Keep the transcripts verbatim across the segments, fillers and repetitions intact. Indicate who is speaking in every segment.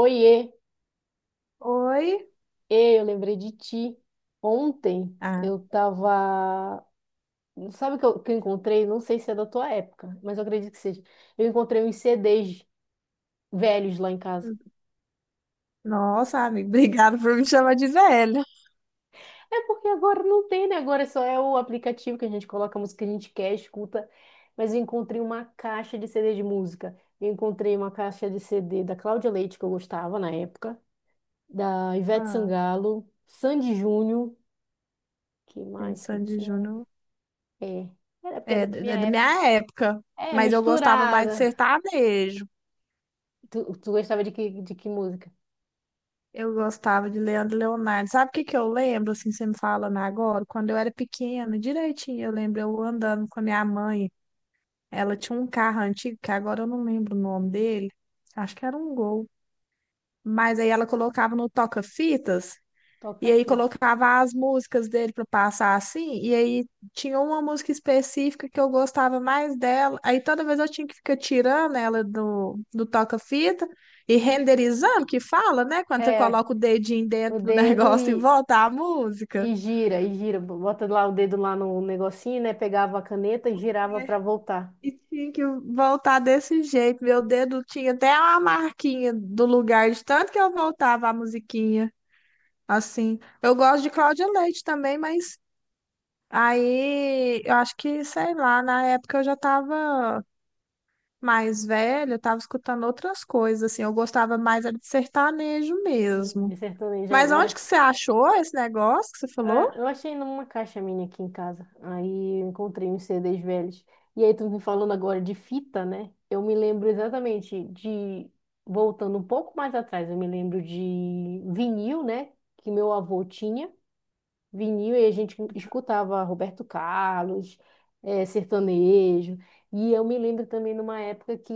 Speaker 1: Oiê,
Speaker 2: Oi?
Speaker 1: ê, eu lembrei de ti. Ontem
Speaker 2: Ah,
Speaker 1: eu tava. Sabe o que eu, que eu encontrei? Não sei se é da tua época, mas eu acredito que seja. Eu encontrei uns C Ds velhos lá em casa.
Speaker 2: nossa, amigo, obrigado por me chamar de velha.
Speaker 1: É porque agora não tem, né? Agora é só é o aplicativo que a gente coloca a música que a gente quer, escuta. Mas eu encontrei uma caixa de C D de música. Eu encontrei uma caixa de C D da Cláudia Leite, que eu gostava na época, da Ivete
Speaker 2: Ah,
Speaker 1: Sangalo, Sandy Júnior, que
Speaker 2: é,
Speaker 1: mais que
Speaker 2: Sandy
Speaker 1: tinha?
Speaker 2: Júnior
Speaker 1: É. Era porque era
Speaker 2: é, d-
Speaker 1: da
Speaker 2: é
Speaker 1: minha
Speaker 2: da
Speaker 1: época.
Speaker 2: minha época,
Speaker 1: É,
Speaker 2: mas eu gostava mais de
Speaker 1: misturada.
Speaker 2: sertanejo.
Speaker 1: Tu, tu gostava de que, de que música?
Speaker 2: Eu gostava de Leandro e Leonardo. Sabe o que que eu lembro, assim, você me falando agora? Quando eu era pequena, direitinho, eu lembro eu andando com a minha mãe. Ela tinha um carro antigo, que agora eu não lembro o nome dele. Acho que era um Gol. Mas aí ela colocava no toca-fitas.
Speaker 1: Toca a
Speaker 2: E aí
Speaker 1: fita.
Speaker 2: colocava as músicas dele para passar assim, e aí tinha uma música específica que eu gostava mais dela. Aí toda vez eu tinha que ficar tirando ela do, do toca-fita e renderizando, que fala, né? Quando você
Speaker 1: É,
Speaker 2: coloca o dedinho
Speaker 1: o
Speaker 2: dentro do
Speaker 1: dedo
Speaker 2: negócio e
Speaker 1: e,
Speaker 2: volta a música.
Speaker 1: e gira, e gira. Bota lá o dedo lá no negocinho, né? Pegava a caneta e girava pra voltar.
Speaker 2: E tinha que voltar desse jeito. Meu dedo tinha até uma marquinha do lugar de tanto que eu voltava a musiquinha. Assim, eu gosto de Cláudia Leite também, mas aí, eu acho que, sei lá, na época eu já estava mais velha, eu estava escutando outras coisas, assim, eu gostava mais era de sertanejo
Speaker 1: Me
Speaker 2: mesmo.
Speaker 1: sertaneja
Speaker 2: Mas
Speaker 1: agora.
Speaker 2: onde que você achou esse negócio que você
Speaker 1: Ah,
Speaker 2: falou?
Speaker 1: eu achei numa caixa minha aqui em casa. Aí eu encontrei uns C Ds velhos. E aí tu me falando agora de fita, né? Eu me lembro exatamente de... Voltando um pouco mais atrás, eu me lembro de vinil, né? Que meu avô tinha. Vinil e a gente escutava Roberto Carlos, eh, sertanejo. E eu me lembro também numa época que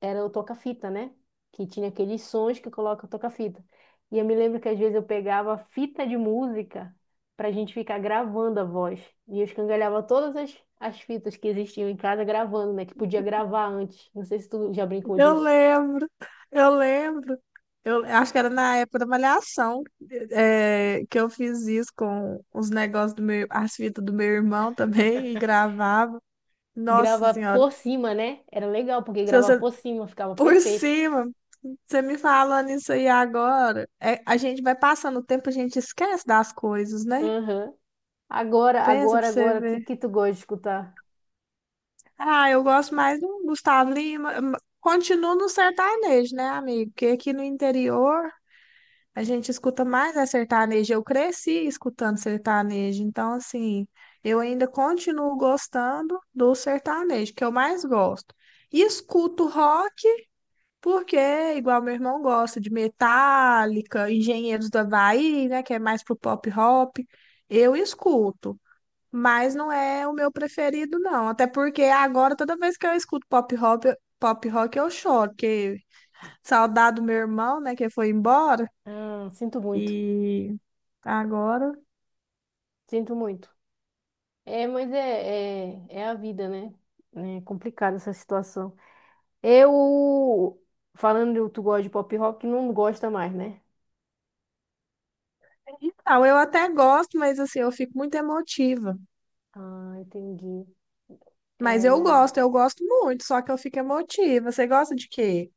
Speaker 1: era o toca-fita, né? Que tinha aqueles sons que coloca o toca-fita. E eu me lembro que às vezes eu pegava fita de música para a gente ficar gravando a voz. E eu escangalhava todas as, as fitas que existiam em casa gravando, né? Que podia gravar antes. Não sei se tu já brincou
Speaker 2: Eu
Speaker 1: disso.
Speaker 2: lembro, eu lembro. Eu acho que era na época da Malhação, é que eu fiz isso com os negócios do meu, as fitas do meu irmão também e gravava. Nossa
Speaker 1: Gravar
Speaker 2: Senhora,
Speaker 1: por cima, né? Era legal, porque
Speaker 2: se
Speaker 1: gravar
Speaker 2: você
Speaker 1: por cima ficava
Speaker 2: por
Speaker 1: perfeito.
Speaker 2: cima, você me falando isso aí agora, é, a gente vai passando o tempo, a gente esquece das coisas, né?
Speaker 1: Aham. Agora,
Speaker 2: Pensa pra
Speaker 1: agora,
Speaker 2: você
Speaker 1: agora, o que,
Speaker 2: ver.
Speaker 1: que tu gosta de escutar?
Speaker 2: Ah, eu gosto mais do Gustavo Lima. m- Continuo no sertanejo, né, amigo? Porque aqui no interior a gente escuta mais é sertanejo. Eu cresci escutando sertanejo, então assim, eu ainda continuo gostando do sertanejo, que eu mais gosto. E escuto rock. Porque, é igual meu irmão gosta de Metallica, Engenheiros do Havaí, né, que é mais pro pop rock, eu escuto, mas não é o meu preferido, não. Até porque agora, toda vez que eu escuto pop rock, pop rock eu choro, porque saudade do meu irmão, né, que foi embora,
Speaker 1: Ah, sinto muito,
Speaker 2: e agora...
Speaker 1: sinto muito. É, mas é, é, é a vida, né? É complicada essa situação. Eu, falando que tu gosta de pop rock, não gosta mais, né?
Speaker 2: Então, eu até gosto, mas assim, eu fico muito emotiva.
Speaker 1: Ah, entendi.
Speaker 2: Mas
Speaker 1: É,
Speaker 2: eu
Speaker 1: não.
Speaker 2: gosto, eu gosto muito, só que eu fico emotiva. Você gosta de quê?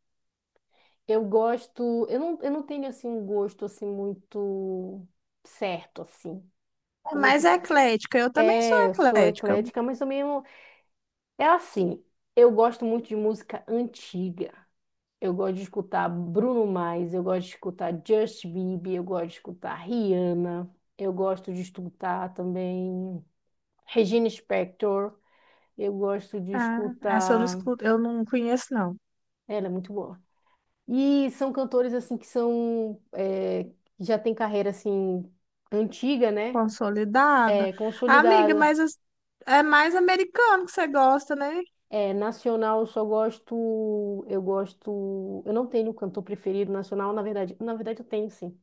Speaker 1: Eu gosto, eu não, eu não tenho assim um gosto assim muito certo assim.
Speaker 2: É
Speaker 1: Como eu
Speaker 2: mais
Speaker 1: te...
Speaker 2: eclética, eu também sou
Speaker 1: É, eu sou
Speaker 2: eclética.
Speaker 1: eclética, mas também eu, é assim. Eu gosto muito de música antiga. Eu gosto de escutar Bruno Mars, eu gosto de escutar Justin Bieber, eu gosto de escutar Rihanna, eu gosto de escutar também Regina Spektor, eu gosto de
Speaker 2: Ah, essa eu não
Speaker 1: escutar.
Speaker 2: escuto, eu não conheço, não.
Speaker 1: Ela é muito boa. E são cantores assim que são é, que já tem carreira assim antiga, né?
Speaker 2: Consolidada.
Speaker 1: É,
Speaker 2: Amiga,
Speaker 1: consolidada.
Speaker 2: mas as- é mais americano que você gosta, né?
Speaker 1: É, nacional eu só gosto, eu gosto, eu não tenho cantor preferido nacional, na verdade, na verdade eu tenho sim.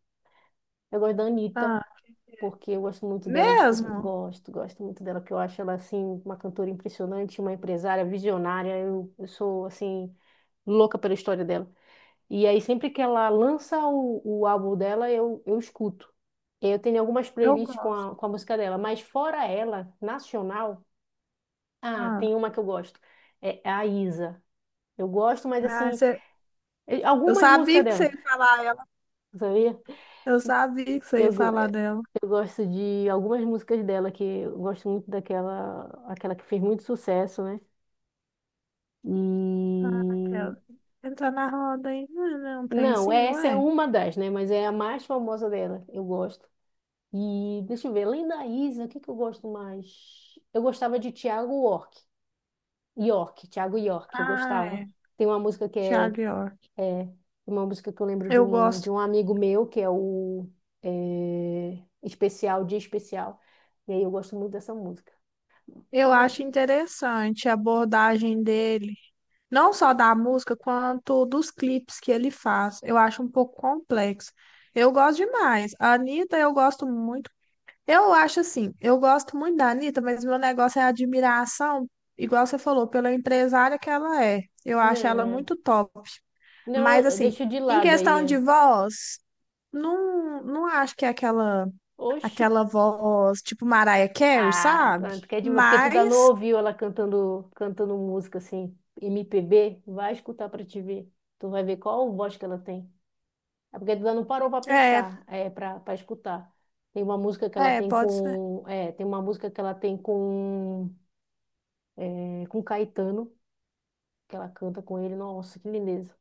Speaker 1: Eu gosto da Anitta,
Speaker 2: Ah,
Speaker 1: porque eu gosto muito dela, de escuta,
Speaker 2: mesmo?
Speaker 1: gosto, gosto muito dela, porque eu acho ela, assim, uma cantora impressionante, uma empresária visionária, eu, eu sou, assim, louca pela história dela. E aí, sempre que ela lança o, o álbum dela, eu, eu escuto. Eu tenho algumas
Speaker 2: Eu
Speaker 1: playlists com
Speaker 2: gosto.
Speaker 1: a, com a música dela, mas fora ela, nacional, ah,
Speaker 2: Ah,
Speaker 1: tem uma que eu gosto, é a Isa. Eu gosto, mas
Speaker 2: ah,
Speaker 1: assim,
Speaker 2: você-
Speaker 1: eu-
Speaker 2: eu
Speaker 1: algumas músicas
Speaker 2: sabia que você
Speaker 1: dela,
Speaker 2: ia falar ela.
Speaker 1: sabia?
Speaker 2: Eu sabia que você
Speaker 1: Eu,
Speaker 2: ia
Speaker 1: go-
Speaker 2: falar dela.
Speaker 1: Eu gosto de algumas músicas dela, que eu gosto muito daquela, aquela que fez muito sucesso, né?
Speaker 2: Ah,
Speaker 1: E
Speaker 2: aquela. Entrar na roda aí. Não, não tem
Speaker 1: não,
Speaker 2: assim, não
Speaker 1: essa é
Speaker 2: é?
Speaker 1: uma das, né? Mas é a mais famosa dela, eu gosto. E deixa eu ver, além da Isa, o que que eu gosto mais? Eu gostava de Thiago York, York, Thiago York, eu
Speaker 2: Ah,
Speaker 1: gostava.
Speaker 2: é.
Speaker 1: Tem uma música que é,
Speaker 2: Thiago York.
Speaker 1: é uma música que eu lembro de
Speaker 2: Eu
Speaker 1: um, de
Speaker 2: gosto.
Speaker 1: um amigo meu, que é o é, Especial, Dia Especial. E aí eu gosto muito dessa música.
Speaker 2: Eu
Speaker 1: Mas
Speaker 2: acho interessante a abordagem dele. Não só da música, quanto dos clipes que ele faz. Eu acho um pouco complexo. Eu gosto demais. A Anitta, eu gosto muito. Eu acho assim, eu gosto muito da Anitta, mas meu negócio é a admiração, igual você falou, pela empresária que ela é. Eu acho
Speaker 1: não,
Speaker 2: ela
Speaker 1: é.
Speaker 2: muito top.
Speaker 1: Não, eu,
Speaker 2: Mas
Speaker 1: eu
Speaker 2: assim,
Speaker 1: deixo de
Speaker 2: em
Speaker 1: lado
Speaker 2: questão
Speaker 1: aí.
Speaker 2: de voz, não, não acho que é aquela,
Speaker 1: Oxi.
Speaker 2: aquela voz tipo Mariah Carey,
Speaker 1: Ah,
Speaker 2: sabe?
Speaker 1: tá, tu quer demais. Porque tu dá não
Speaker 2: Mas
Speaker 1: ouviu ela cantando, cantando música assim, M P B, vai escutar pra te ver. Tu vai ver qual voz que ela tem. É porque tu dá não parou pra
Speaker 2: é,
Speaker 1: pensar, é, pra, pra escutar. Tem uma música que ela
Speaker 2: é,
Speaker 1: tem
Speaker 2: pode.
Speaker 1: com. É, tem uma música que ela tem com. É, com Caetano, que ela canta com ele. Nossa, que lindeza.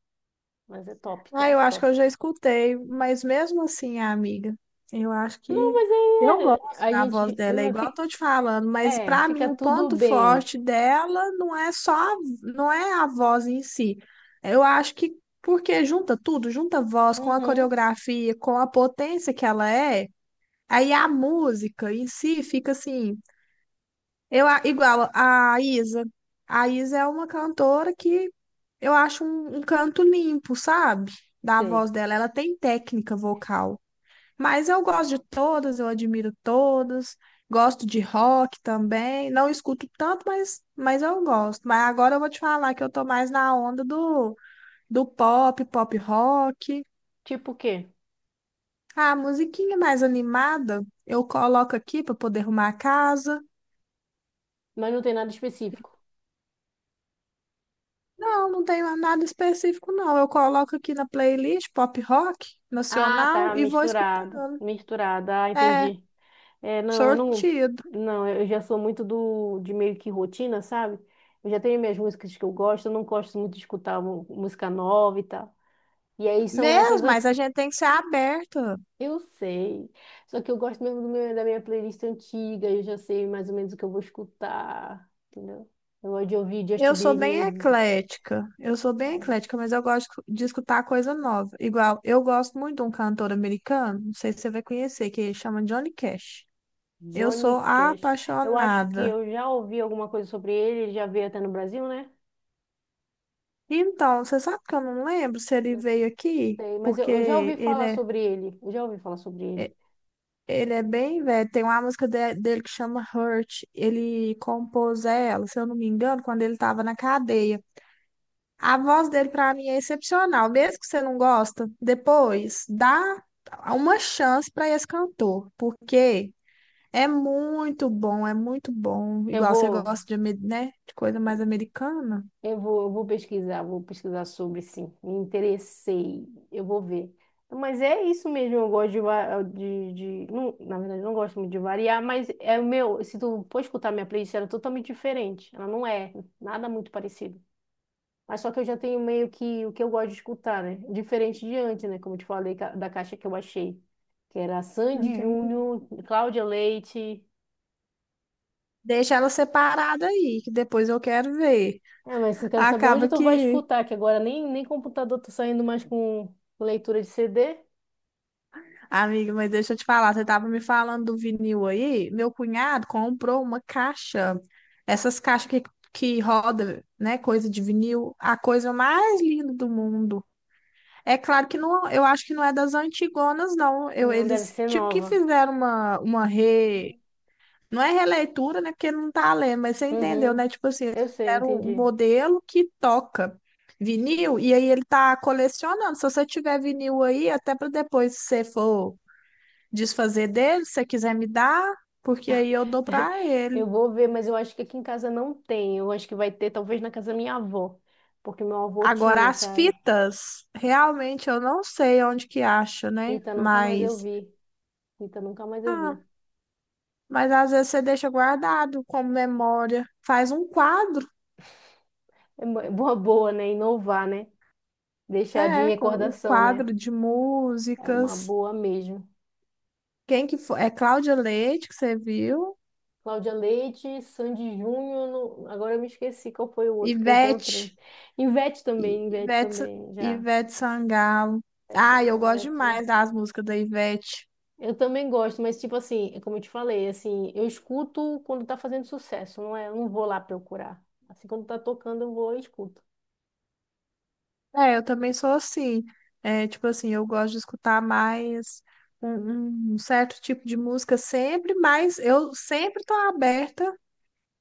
Speaker 1: Mas é top,
Speaker 2: Ah, eu
Speaker 1: top,
Speaker 2: acho que
Speaker 1: top.
Speaker 2: eu já escutei, mas mesmo assim, amiga, eu acho
Speaker 1: Não,
Speaker 2: que
Speaker 1: mas
Speaker 2: eu
Speaker 1: aí é,
Speaker 2: gosto
Speaker 1: a
Speaker 2: da voz
Speaker 1: gente.
Speaker 2: dela, é
Speaker 1: hum,
Speaker 2: igual eu
Speaker 1: fica-
Speaker 2: tô te falando, mas
Speaker 1: É,
Speaker 2: para mim
Speaker 1: fica
Speaker 2: o
Speaker 1: tudo
Speaker 2: ponto
Speaker 1: bem.
Speaker 2: forte dela não é só, a- não é a voz em si. Eu acho que porque junta tudo, junta a voz com a
Speaker 1: Uhum,
Speaker 2: coreografia, com a potência que ela é, aí a música em si fica assim. Eu, a- igual a Isa. A Isa é uma cantora que eu acho um, um canto limpo, sabe? Da
Speaker 1: sei.
Speaker 2: voz dela. Ela tem técnica vocal. Mas eu gosto de todas, eu admiro todas. Gosto de rock também. Não escuto tanto, mas, mas eu gosto. Mas agora eu vou te falar que eu tô mais na onda do, do pop, pop rock.
Speaker 1: Tipo o quê?
Speaker 2: A musiquinha mais animada eu coloco aqui para poder arrumar a casa.
Speaker 1: Mas não tem nada específico.
Speaker 2: Não, não tenho nada específico, não. Eu coloco aqui na playlist pop rock
Speaker 1: Ah,
Speaker 2: nacional
Speaker 1: tá,
Speaker 2: e vou escutar.
Speaker 1: misturado. Misturado, ah,
Speaker 2: É,
Speaker 1: entendi. É, não, eu não.
Speaker 2: sortido.
Speaker 1: Não, eu já sou muito do, de meio que rotina, sabe? Eu já tenho minhas músicas que eu gosto, eu não gosto muito de escutar mu- música nova e tal. E aí são essas.
Speaker 2: Mesmo, mas
Speaker 1: as-
Speaker 2: a gente tem que ser aberta.
Speaker 1: Eu sei. Só que eu gosto mesmo do meu, da minha playlist antiga, eu já sei mais ou menos o que eu vou escutar, entendeu? Eu gosto de ouvir Justin
Speaker 2: Eu sou bem
Speaker 1: Bieber.
Speaker 2: eclética. Eu sou bem
Speaker 1: É,
Speaker 2: eclética, mas eu gosto de escutar coisa nova. Igual, eu gosto muito de um cantor americano, não sei se você vai conhecer, que ele chama Johnny Cash. Eu sou
Speaker 1: Johnny Cash. Eu acho que
Speaker 2: apaixonada.
Speaker 1: eu já ouvi alguma coisa sobre ele, ele já veio até no Brasil, né?
Speaker 2: Então, você sabe que eu não lembro se ele veio aqui,
Speaker 1: Sei, mas eu,
Speaker 2: porque
Speaker 1: eu já ouvi
Speaker 2: ele
Speaker 1: falar
Speaker 2: é.
Speaker 1: sobre ele. Eu já ouvi falar sobre ele.
Speaker 2: Ele é bem velho. Tem uma música de- dele que chama Hurt. Ele compôs ela, se eu não me engano, quando ele estava na cadeia. A voz dele, pra mim, é excepcional. Mesmo que você não gosta, depois dá uma chance para esse cantor, porque é muito bom, é muito bom.
Speaker 1: Eu
Speaker 2: Igual você
Speaker 1: vou,
Speaker 2: gosta de, ame- né, de coisa mais americana.
Speaker 1: eu vou, eu vou pesquisar, vou pesquisar sobre sim. Me interessei, eu vou ver. Mas é isso mesmo, eu gosto de, va- de, de- não, na verdade, eu não gosto muito de variar, mas é o meu, se tu for escutar minha playlist, ela é totalmente diferente. Ela não é nada muito parecido. Mas só que eu já tenho meio que o que eu gosto de escutar, né? Diferente de antes, né? Como eu te falei ca- da caixa que eu achei. Que era Sandy
Speaker 2: Entendi.
Speaker 1: Júnior, Cláudia Leite.
Speaker 2: Deixa ela separada aí, que depois eu quero ver.
Speaker 1: É, mas eu quero saber onde
Speaker 2: Acaba
Speaker 1: tu vai
Speaker 2: que
Speaker 1: escutar, que agora nem, nem computador tá saindo mais com leitura de C D.
Speaker 2: amiga, mas deixa eu te falar, você estava me falando do vinil aí? Meu cunhado comprou uma caixa, essas caixas que, que roda, né, coisa de vinil, a coisa mais linda do mundo. É claro que não, eu acho que não é das antigonas, não. Eu,
Speaker 1: Não, deve
Speaker 2: eles
Speaker 1: ser
Speaker 2: tipo que
Speaker 1: nova.
Speaker 2: fizeram uma, uma re... Não é releitura, né, porque não tá lendo, mas você entendeu,
Speaker 1: Uhum,
Speaker 2: né? Tipo assim, eles
Speaker 1: eu sei,
Speaker 2: fizeram um
Speaker 1: entendi.
Speaker 2: modelo que toca vinil, e aí ele tá colecionando. Se você tiver vinil aí, até para depois, se você for desfazer dele, se você quiser me dar, porque aí eu dou para
Speaker 1: Eu
Speaker 2: ele.
Speaker 1: vou ver, mas eu acho que aqui em casa não tem. Eu acho que vai ter, talvez, na casa da minha avó. Porque meu avô
Speaker 2: Agora,
Speaker 1: tinha,
Speaker 2: as
Speaker 1: sabe?
Speaker 2: fitas, realmente eu não sei onde que acha, né?
Speaker 1: Rita, nunca mais eu
Speaker 2: Mas,
Speaker 1: vi. Rita, nunca mais eu
Speaker 2: ah,
Speaker 1: vi.
Speaker 2: mas às vezes você deixa guardado como memória. Faz um quadro,
Speaker 1: É uma boa, boa, né? Inovar, né? Deixar de
Speaker 2: é, com um
Speaker 1: recordação, né?
Speaker 2: quadro de
Speaker 1: É uma
Speaker 2: músicas.
Speaker 1: boa mesmo.
Speaker 2: Quem que foi? É Cláudia Leite, que você viu.
Speaker 1: Cláudia Leite, Sandy Júnior, não- agora eu me esqueci qual foi o outro que eu
Speaker 2: Ivete,
Speaker 1: encontrei. Ivete
Speaker 2: I-
Speaker 1: também, Ivete
Speaker 2: Ivete,
Speaker 1: também, já.
Speaker 2: Ivete Sangalo.
Speaker 1: Ivete
Speaker 2: Ah, eu
Speaker 1: Sangalo,
Speaker 2: gosto
Speaker 1: Ivete.
Speaker 2: demais das músicas da Ivete.
Speaker 1: Eu também gosto, mas tipo assim, é como eu te falei, assim, eu escuto quando tá fazendo sucesso, não é? Eu não vou lá procurar. Assim, quando tá tocando, eu vou e escuto.
Speaker 2: É, eu também sou assim. É, tipo assim, eu gosto de escutar mais um, um certo tipo de música sempre, mas eu sempre tô aberta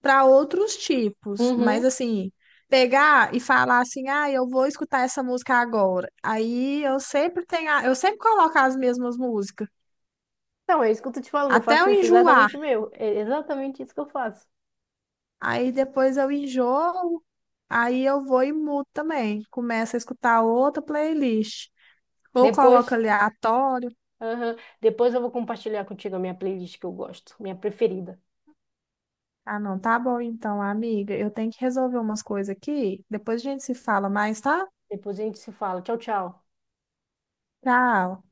Speaker 2: para outros tipos. Mas
Speaker 1: Uhum.
Speaker 2: assim, pegar e falar assim, ah, eu vou escutar essa música agora. Aí eu sempre tenho, a- eu sempre coloco as mesmas músicas,
Speaker 1: Então, é isso que eu tô te falando, eu
Speaker 2: até
Speaker 1: faço
Speaker 2: eu
Speaker 1: isso
Speaker 2: enjoar.
Speaker 1: exatamente meu. É exatamente isso que eu faço.
Speaker 2: Aí depois eu enjoo, aí eu vou e mudo também. Começo a escutar outra playlist. Ou coloco
Speaker 1: Depois.
Speaker 2: aleatório.
Speaker 1: Aham. Depois eu vou compartilhar contigo a minha playlist que eu gosto, minha preferida.
Speaker 2: Ah, não, tá bom então, amiga. Eu tenho que resolver umas coisas aqui. Depois a gente se fala mais, tá?
Speaker 1: Depois a gente se fala. Tchau, tchau.
Speaker 2: Tchau.